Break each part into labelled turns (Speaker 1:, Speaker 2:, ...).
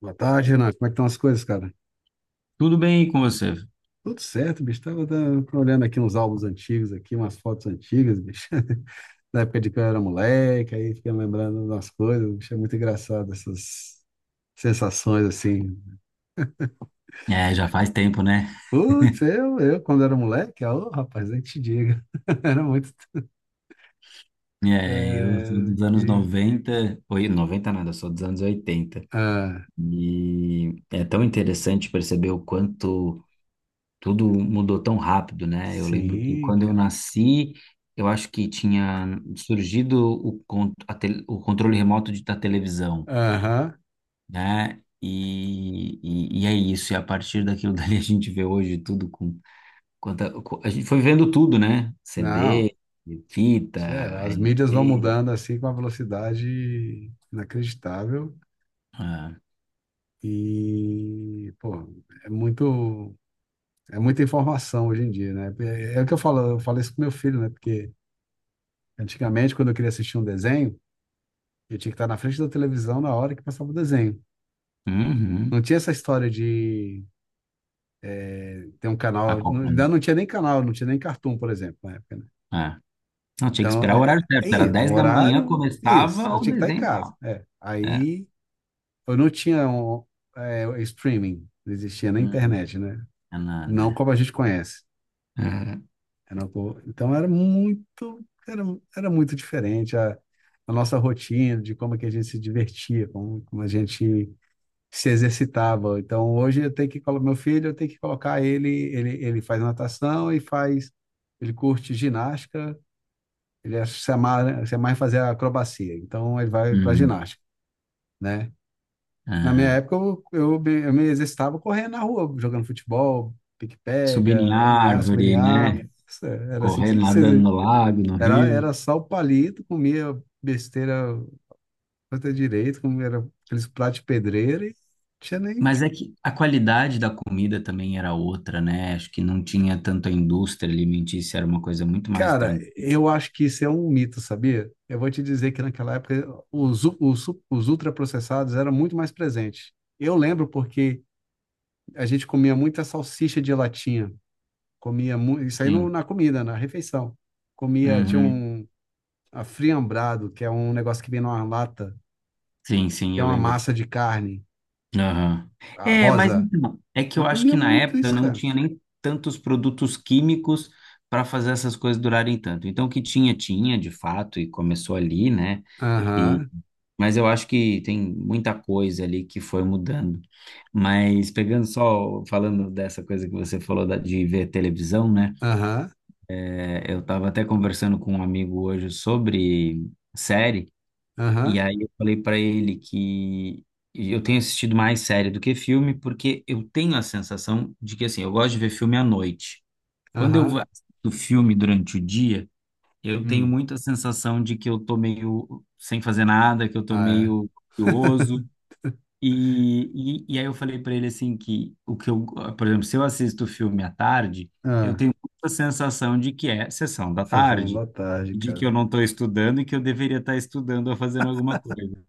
Speaker 1: Boa tarde, Renan. Como é que estão as coisas, cara?
Speaker 2: Tudo bem com você?
Speaker 1: Tudo certo, bicho. Tava olhando aqui uns álbuns antigos aqui, umas fotos antigas, bicho. Da época de que eu era moleque, aí fiquei lembrando das coisas, bicho. É muito engraçado essas sensações assim.
Speaker 2: É, já faz tempo, né?
Speaker 1: Putz, eu quando era moleque, ô, rapaz, nem te diga. Era muito.
Speaker 2: É, eu sou
Speaker 1: É,
Speaker 2: dos anos 90. Oi, 90 nada, eu sou dos anos 80.
Speaker 1: ah,
Speaker 2: E é tão interessante perceber o quanto tudo mudou tão rápido, né? Eu lembro que
Speaker 1: sim,
Speaker 2: quando eu
Speaker 1: cara.
Speaker 2: nasci, eu acho que tinha surgido o controle remoto da televisão,
Speaker 1: Aham.
Speaker 2: né? E é isso, e a partir daquilo dali a gente vê hoje tudo com... a gente foi vendo tudo, né?
Speaker 1: Não.
Speaker 2: CD, fita,
Speaker 1: É, as mídias vão
Speaker 2: LP.
Speaker 1: mudando assim com uma velocidade inacreditável.
Speaker 2: Ah,
Speaker 1: E, pô, é muito, é muita informação hoje em dia, né? É, é o que eu falo isso com meu filho, né? Porque antigamente, quando eu queria assistir um desenho, eu tinha que estar na frente da televisão na hora que passava o desenho. Não
Speaker 2: uhum.
Speaker 1: tinha essa história de ter um canal, ainda
Speaker 2: Acompanhando.
Speaker 1: não tinha nem canal, não tinha nem Cartoon, por exemplo, na época, né?
Speaker 2: É. Não, tinha que
Speaker 1: Então,
Speaker 2: esperar o
Speaker 1: é,
Speaker 2: horário
Speaker 1: é
Speaker 2: certo. Era
Speaker 1: isso, então,
Speaker 2: 10 da manhã,
Speaker 1: horário, isso,
Speaker 2: começava
Speaker 1: eu
Speaker 2: o
Speaker 1: tinha que estar em
Speaker 2: desenho e
Speaker 1: casa,
Speaker 2: tal.
Speaker 1: é.
Speaker 2: É.
Speaker 1: Aí, eu não tinha um, é, streaming, não existia na
Speaker 2: Uhum.
Speaker 1: internet, né?
Speaker 2: É
Speaker 1: Não
Speaker 2: nada.
Speaker 1: como a gente conhece.
Speaker 2: É.
Speaker 1: Era uma boa. Então era muito, era, era muito diferente a nossa rotina, de como é que a gente se divertia, como, como a gente se exercitava. Então hoje eu tenho que colocar meu filho, eu tenho que colocar ele, ele faz natação e faz, ele curte ginástica, se amarra, se amarra em fazer acrobacia. Então ele vai para
Speaker 2: Uhum.
Speaker 1: ginástica, né? Na minha
Speaker 2: Aham.
Speaker 1: época eu me exercitava correndo na rua, jogando futebol,
Speaker 2: Subir em
Speaker 1: pique-pega, NA,
Speaker 2: árvore,
Speaker 1: subNA,
Speaker 2: né?
Speaker 1: era assim que
Speaker 2: Correr,
Speaker 1: se,
Speaker 2: nadando
Speaker 1: se
Speaker 2: no lago, no
Speaker 1: era,
Speaker 2: rio.
Speaker 1: era sal palito, comia besteira até direito, comia era aqueles pratos de pedreiro e não tinha nem.
Speaker 2: Mas é que a qualidade da comida também era outra, né? Acho que não tinha tanto a indústria alimentícia, era uma coisa muito mais
Speaker 1: Cara,
Speaker 2: tranquila.
Speaker 1: eu acho que isso é um mito, sabia? Eu vou te dizer que naquela época os ultraprocessados eram muito mais presentes. Eu lembro porque a gente comia muita salsicha de latinha, isso aí no,
Speaker 2: Sim.
Speaker 1: na comida, na refeição. Comia, tinha
Speaker 2: Uhum.
Speaker 1: um a friambrado, que é um negócio que vem numa lata,
Speaker 2: Sim, sim,
Speaker 1: que é
Speaker 2: eu
Speaker 1: uma
Speaker 2: lembro.
Speaker 1: massa de carne,
Speaker 2: Aham.
Speaker 1: a
Speaker 2: É, mas
Speaker 1: rosa.
Speaker 2: então, é que eu
Speaker 1: Mas
Speaker 2: acho que
Speaker 1: comia
Speaker 2: na
Speaker 1: muito
Speaker 2: época
Speaker 1: isso,
Speaker 2: não
Speaker 1: cara.
Speaker 2: tinha nem tantos produtos químicos para fazer essas coisas durarem tanto. Então, o que tinha, tinha, de fato, e começou ali, né? E,
Speaker 1: Aham,
Speaker 2: mas eu acho que tem muita coisa ali que foi mudando. Mas pegando só, falando dessa coisa que você falou de ver televisão, né?
Speaker 1: aham,
Speaker 2: É, eu estava até conversando com um amigo hoje sobre série.
Speaker 1: aham,
Speaker 2: E aí eu falei pra ele que eu tenho assistido mais série do que filme, porque eu tenho a sensação de que assim, eu gosto de ver filme à noite.
Speaker 1: aham.
Speaker 2: Assisto filme durante o dia, eu tenho
Speaker 1: Hum.
Speaker 2: muita sensação de que eu tô meio sem fazer nada, que eu tô
Speaker 1: Ah,
Speaker 2: meio
Speaker 1: é.
Speaker 2: curioso. E aí eu falei pra ele assim que o que eu, por exemplo, se eu assisto filme à tarde, eu
Speaker 1: Ah,
Speaker 2: tenho muita sensação de que é sessão da
Speaker 1: sessão
Speaker 2: tarde,
Speaker 1: da tarde,
Speaker 2: de que
Speaker 1: cara.
Speaker 2: eu não estou estudando e que eu deveria estar estudando ou fazendo alguma coisa.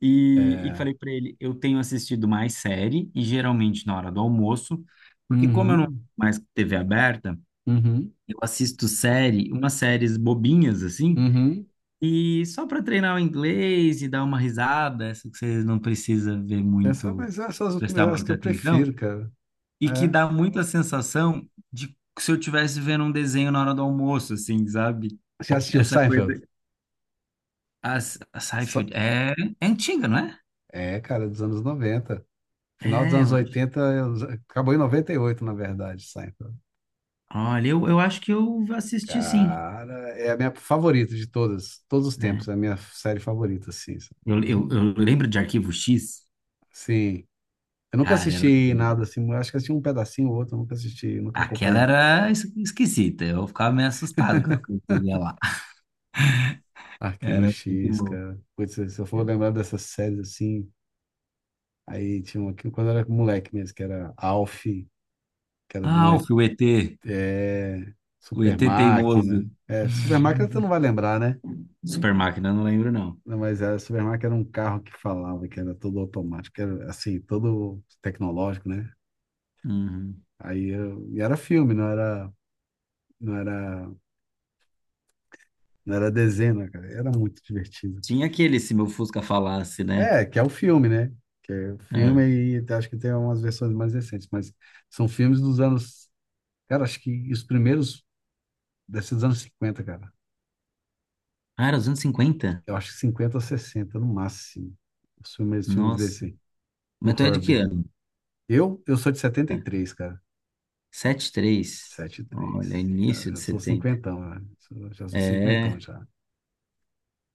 Speaker 2: E
Speaker 1: É.
Speaker 2: falei para ele, eu tenho assistido mais série e geralmente na hora do almoço, porque como eu não tenho
Speaker 1: Uhum,
Speaker 2: mais TV aberta,
Speaker 1: uhum,
Speaker 2: eu assisto série, umas séries bobinhas assim,
Speaker 1: uhum.
Speaker 2: e só para treinar o inglês e dar uma risada, essa que você não precisa ver
Speaker 1: Essa,
Speaker 2: muito,
Speaker 1: mas essas
Speaker 2: prestar
Speaker 1: são as que
Speaker 2: muita
Speaker 1: eu
Speaker 2: atenção,
Speaker 1: prefiro, cara.
Speaker 2: e que
Speaker 1: É.
Speaker 2: dá muito a sensação de que se eu estivesse vendo um desenho na hora do almoço, assim, sabe?
Speaker 1: Você assistiu
Speaker 2: Essa coisa,
Speaker 1: Seinfeld?
Speaker 2: a, a
Speaker 1: Sa-
Speaker 2: Seinfeld é, é antiga, não é?
Speaker 1: É, cara, dos anos noventa. Final dos
Speaker 2: É, eu
Speaker 1: anos
Speaker 2: acho.
Speaker 1: 80 eu- Acabou em 98 na verdade, Seinfeld.
Speaker 2: Olha, eu acho que eu assisti, sim,
Speaker 1: Cara, é a minha favorita de todas, todos os
Speaker 2: né?
Speaker 1: tempos. É a minha série favorita, assim, sabe? Hum,
Speaker 2: Eu lembro de Arquivo X.
Speaker 1: Sim. Eu nunca
Speaker 2: Cara, era...
Speaker 1: assisti nada
Speaker 2: doido.
Speaker 1: assim, eu acho que assisti um pedacinho ou outro, eu nunca assisti, nunca
Speaker 2: Aquela
Speaker 1: acompanhei.
Speaker 2: era esquisita. Eu ficava meio assustado com o que eu via lá.
Speaker 1: Arquivo
Speaker 2: Era muito
Speaker 1: X,
Speaker 2: bom.
Speaker 1: cara. Putz, se eu for lembrar dessas séries assim, aí tinha uma aqui quando eu era moleque mesmo, que era Alf, que era de um
Speaker 2: Alf,
Speaker 1: E-
Speaker 2: o ET.
Speaker 1: é,
Speaker 2: O
Speaker 1: Super
Speaker 2: ET teimoso.
Speaker 1: Máquina. É, Super Máquina tu não vai lembrar, né?
Speaker 2: Super Máquina, eu não lembro, não.
Speaker 1: Não, mas a Super Máquina era um carro que falava, que era todo automático, que era assim, todo tecnológico, né?
Speaker 2: Uhum.
Speaker 1: Aí eu, e era filme, não era, não era desenho, né, cara? Era muito divertido.
Speaker 2: Tinha aquele Se Meu Fusca Falasse, né?
Speaker 1: É, que é o filme, né? Que é o filme
Speaker 2: Ah.
Speaker 1: e acho que tem umas versões mais recentes, mas são filmes dos anos, cara, acho que os primeiros desses anos 50, cara.
Speaker 2: Era os anos 50.
Speaker 1: Eu acho que 50 ou 60 no máximo. Os filmes, filmes
Speaker 2: Nossa.
Speaker 1: desse, o
Speaker 2: Mas tu é de que
Speaker 1: Herbie.
Speaker 2: ano?
Speaker 1: Eu sou de setenta
Speaker 2: É,
Speaker 1: e três, cara.
Speaker 2: 73. Olha,
Speaker 1: 73. Cara,
Speaker 2: início
Speaker 1: eu
Speaker 2: de
Speaker 1: já sou
Speaker 2: 70.
Speaker 1: cinquentão, né? Já sou cinquentão
Speaker 2: É.
Speaker 1: já.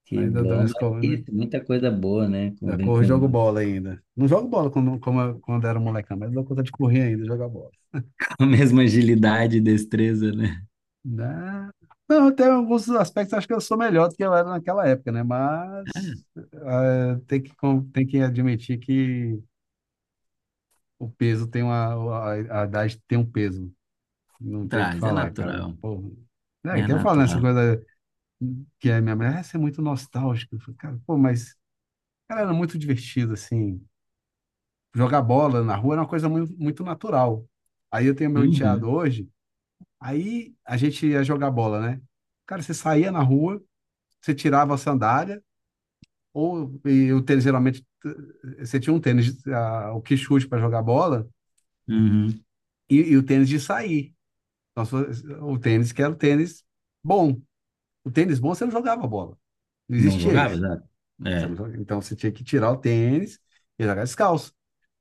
Speaker 2: Que
Speaker 1: Mas da, da minha
Speaker 2: bom, mas
Speaker 1: escola,
Speaker 2: isso, muita coisa boa, né?
Speaker 1: da
Speaker 2: Vem
Speaker 1: cor, eu
Speaker 2: com...
Speaker 1: jogo bola ainda. Não jogo bola quando, como, quando era molecão, mas dou conta de correr ainda, e jogar bola.
Speaker 2: com a mesma agilidade e destreza, né?
Speaker 1: Né? Não, tem alguns aspectos, acho que eu sou melhor do que eu era naquela época, né? Mas tem que admitir que o peso tem uma, a idade tem um peso, não tem o que
Speaker 2: Traz, é
Speaker 1: falar, cara.
Speaker 2: natural,
Speaker 1: Pô, né?
Speaker 2: é
Speaker 1: Que eu falo nessa
Speaker 2: natural.
Speaker 1: coisa que a minha mulher: "Ah, você é muito nostálgico." Eu falo: "Cara, pô, mas cara, era muito divertido, assim. Jogar bola na rua era uma coisa muito, muito natural." Aí eu tenho meu enteado
Speaker 2: Uhum,
Speaker 1: hoje, aí a gente ia jogar bola, né? Cara, você saía na rua. Você tirava a sandália, ou e o tênis geralmente você tinha um tênis, a, o que chute para jogar bola,
Speaker 2: uhum.
Speaker 1: e, o tênis de sair. Então, o tênis que era o tênis bom. O tênis bom você não jogava bola. Não
Speaker 2: Não
Speaker 1: existia
Speaker 2: jogava,
Speaker 1: isso.
Speaker 2: exato.
Speaker 1: Você não,
Speaker 2: É.
Speaker 1: joga- Então você tinha que tirar o tênis e jogar descalço.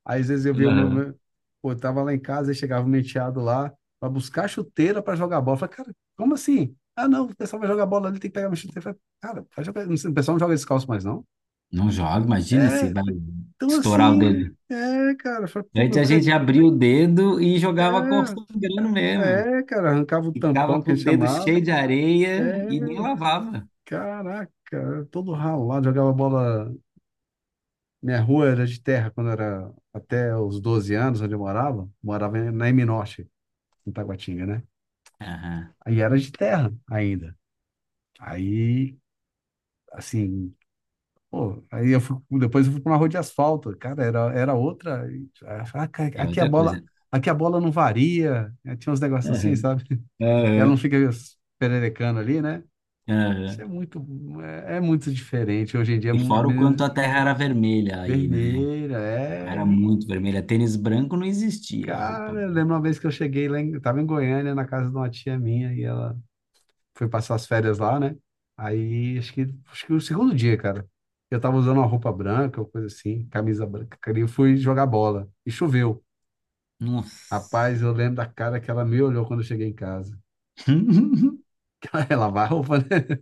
Speaker 1: Aí às vezes eu vi o meu.
Speaker 2: Uhum.
Speaker 1: meu Pô, eu tava lá em casa e chegava um menteado lá para buscar chuteira para jogar bola. Eu falei: "Cara, como assim?" "Ah, não, o pessoal vai jogar bola ali, tem que pegar uma chuteira." Eu falei: "Cara, vai jogar, o pessoal não joga descalço mais, não."
Speaker 2: Não joga, imagina se
Speaker 1: É,
Speaker 2: vai
Speaker 1: então
Speaker 2: estourar o
Speaker 1: assim,
Speaker 2: dedo.
Speaker 1: é, cara, eu falei, pô,
Speaker 2: Antes
Speaker 1: meu
Speaker 2: a
Speaker 1: pé,
Speaker 2: gente abria o dedo e jogava cor sangrando mesmo.
Speaker 1: é, é, cara, arrancava o
Speaker 2: Ficava
Speaker 1: tampão que
Speaker 2: com o
Speaker 1: eles
Speaker 2: dedo cheio de
Speaker 1: chamavam, é,
Speaker 2: areia e nem lavava.
Speaker 1: caraca, era todo ralado, jogava bola, minha rua era de terra quando era até os 12 anos, onde eu morava, morava na M Norte, em Taguatinga, né?
Speaker 2: Aham.
Speaker 1: Aí era de terra ainda, aí, assim, pô, aí eu fui, depois eu fui pra uma rua de asfalto, cara, era, era outra, aí, ah, cara,
Speaker 2: É outra coisa.
Speaker 1: aqui a bola não varia, tinha uns negócios assim,
Speaker 2: Aham.
Speaker 1: sabe? Que ela não
Speaker 2: Aham.
Speaker 1: fica pererecando ali, né? Isso
Speaker 2: Aham.
Speaker 1: é muito, é, é muito diferente. Hoje em dia, a
Speaker 2: E fora o
Speaker 1: menina
Speaker 2: quanto a terra era vermelha aí, né?
Speaker 1: vermelha, é,
Speaker 2: Era
Speaker 1: e,
Speaker 2: muito vermelha. Tênis branco não existia, roupa
Speaker 1: cara, eu
Speaker 2: branca.
Speaker 1: lembro uma vez que eu cheguei lá, em, eu tava em Goiânia, na casa de uma tia minha, e ela foi passar as férias lá, né? Aí, acho que o segundo dia, cara, eu tava usando uma roupa branca, ou coisa assim, camisa branca, cara, e eu fui jogar bola, e choveu.
Speaker 2: Nossa.
Speaker 1: Rapaz, eu lembro da cara que ela me olhou quando eu cheguei em casa. Ela vai a roupa, né?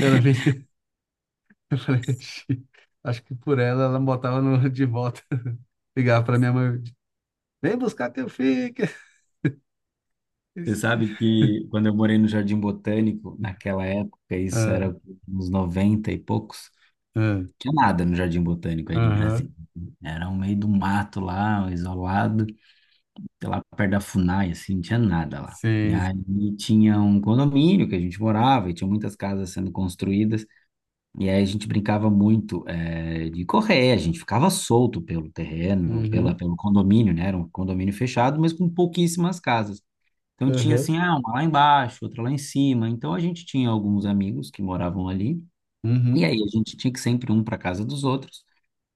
Speaker 1: Ela me refletir. Acho que por ela, ela me botava no, de volta. Ligava pra minha mãe. Vem buscar teu filho.
Speaker 2: Você sabe que quando eu morei no Jardim Botânico, naquela época, isso
Speaker 1: Ah,
Speaker 2: era uns 90 e poucos,
Speaker 1: ah,
Speaker 2: tinha nada no Jardim Botânico aí de Brasília.
Speaker 1: aham.
Speaker 2: Né? Era um meio do mato lá, isolado, sei lá perto da Funai, assim, não tinha nada lá. E
Speaker 1: Sim.
Speaker 2: aí tinha um condomínio que a gente morava e tinha muitas casas sendo construídas. E aí a gente brincava muito de correr, a gente ficava solto pelo terreno,
Speaker 1: Uhum.
Speaker 2: pelo condomínio, né? Era um condomínio fechado, mas com pouquíssimas casas. Então tinha
Speaker 1: Aham.
Speaker 2: assim, ah, uma lá embaixo, outra lá em cima. Então a gente tinha alguns amigos que moravam ali e
Speaker 1: Uhum.
Speaker 2: aí a gente tinha que sempre um para casa dos outros.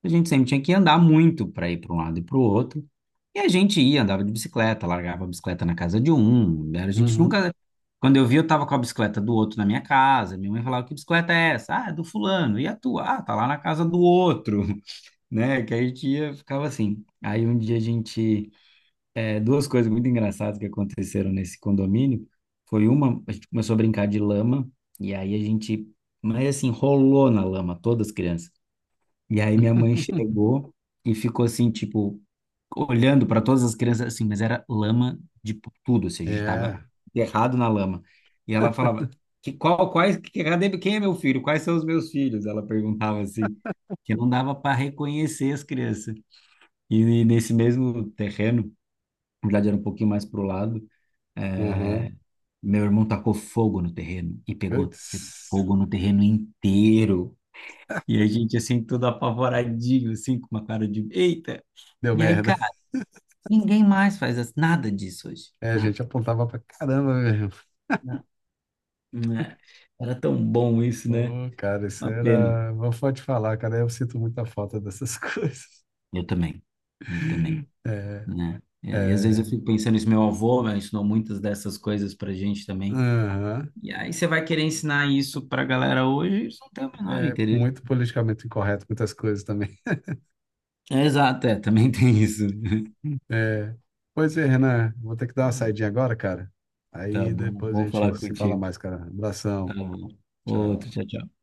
Speaker 2: A gente sempre tinha que andar muito para ir para um lado e para o outro. E a gente ia, andava de bicicleta, largava a bicicleta na casa de um. A gente
Speaker 1: Uhum.
Speaker 2: nunca... Quando eu vi, eu tava com a bicicleta do outro na minha casa. Minha mãe falava: "Que bicicleta é essa?" "Ah, é do fulano." "E a tua?" "Ah, tá lá na casa do outro." Né? Que a gente ia, ficava assim. Aí um dia a gente... é, duas coisas muito engraçadas que aconteceram nesse condomínio. Foi uma, a gente começou a brincar de lama, e aí a gente, mas assim, rolou na lama, todas as crianças. E aí minha mãe chegou e ficou assim, tipo, olhando para todas as crianças, assim, mas era lama de tudo, assim, a gente tava
Speaker 1: É.
Speaker 2: errado na lama. E ela falava: quais, cadê- quem é meu filho? Quais são os meus filhos? Ela perguntava assim, que não dava para reconhecer as crianças. E nesse mesmo terreno, na verdade, era um pouquinho mais pro lado.
Speaker 1: Aham.
Speaker 2: É, meu irmão tacou fogo no terreno e pegou
Speaker 1: Putz.
Speaker 2: fogo no terreno inteiro. E a gente, assim, todo apavoradinho, assim, com uma cara de eita.
Speaker 1: Deu
Speaker 2: E aí,
Speaker 1: merda.
Speaker 2: cara, ninguém mais faz nada disso hoje.
Speaker 1: É, a
Speaker 2: Nada,
Speaker 1: gente apontava pra caramba mesmo.
Speaker 2: nada. Né? Era tão bom isso, né?
Speaker 1: Ô, cara, isso
Speaker 2: Uma pena.
Speaker 1: era. Vou só te falar, cara, eu sinto muita falta dessas coisas.
Speaker 2: Eu também, eu também,
Speaker 1: É,
Speaker 2: né? E aí, às vezes eu
Speaker 1: é.
Speaker 2: fico pensando isso, meu avô, né, ensinou muitas dessas coisas pra gente também.
Speaker 1: Aham.
Speaker 2: E aí você vai querer ensinar isso pra galera hoje, eles não têm o menor
Speaker 1: É
Speaker 2: interesse.
Speaker 1: muito politicamente incorreto, muitas coisas também.
Speaker 2: É, exato, é, também tem isso.
Speaker 1: É, pois é, Renan, vou ter que dar uma saidinha agora, cara.
Speaker 2: Tá
Speaker 1: Aí
Speaker 2: bom,
Speaker 1: depois a
Speaker 2: bom
Speaker 1: gente
Speaker 2: falar
Speaker 1: se fala
Speaker 2: contigo.
Speaker 1: mais, cara.
Speaker 2: Tá
Speaker 1: Abração.
Speaker 2: bom. Outro,
Speaker 1: Tchau.
Speaker 2: tchau, tchau.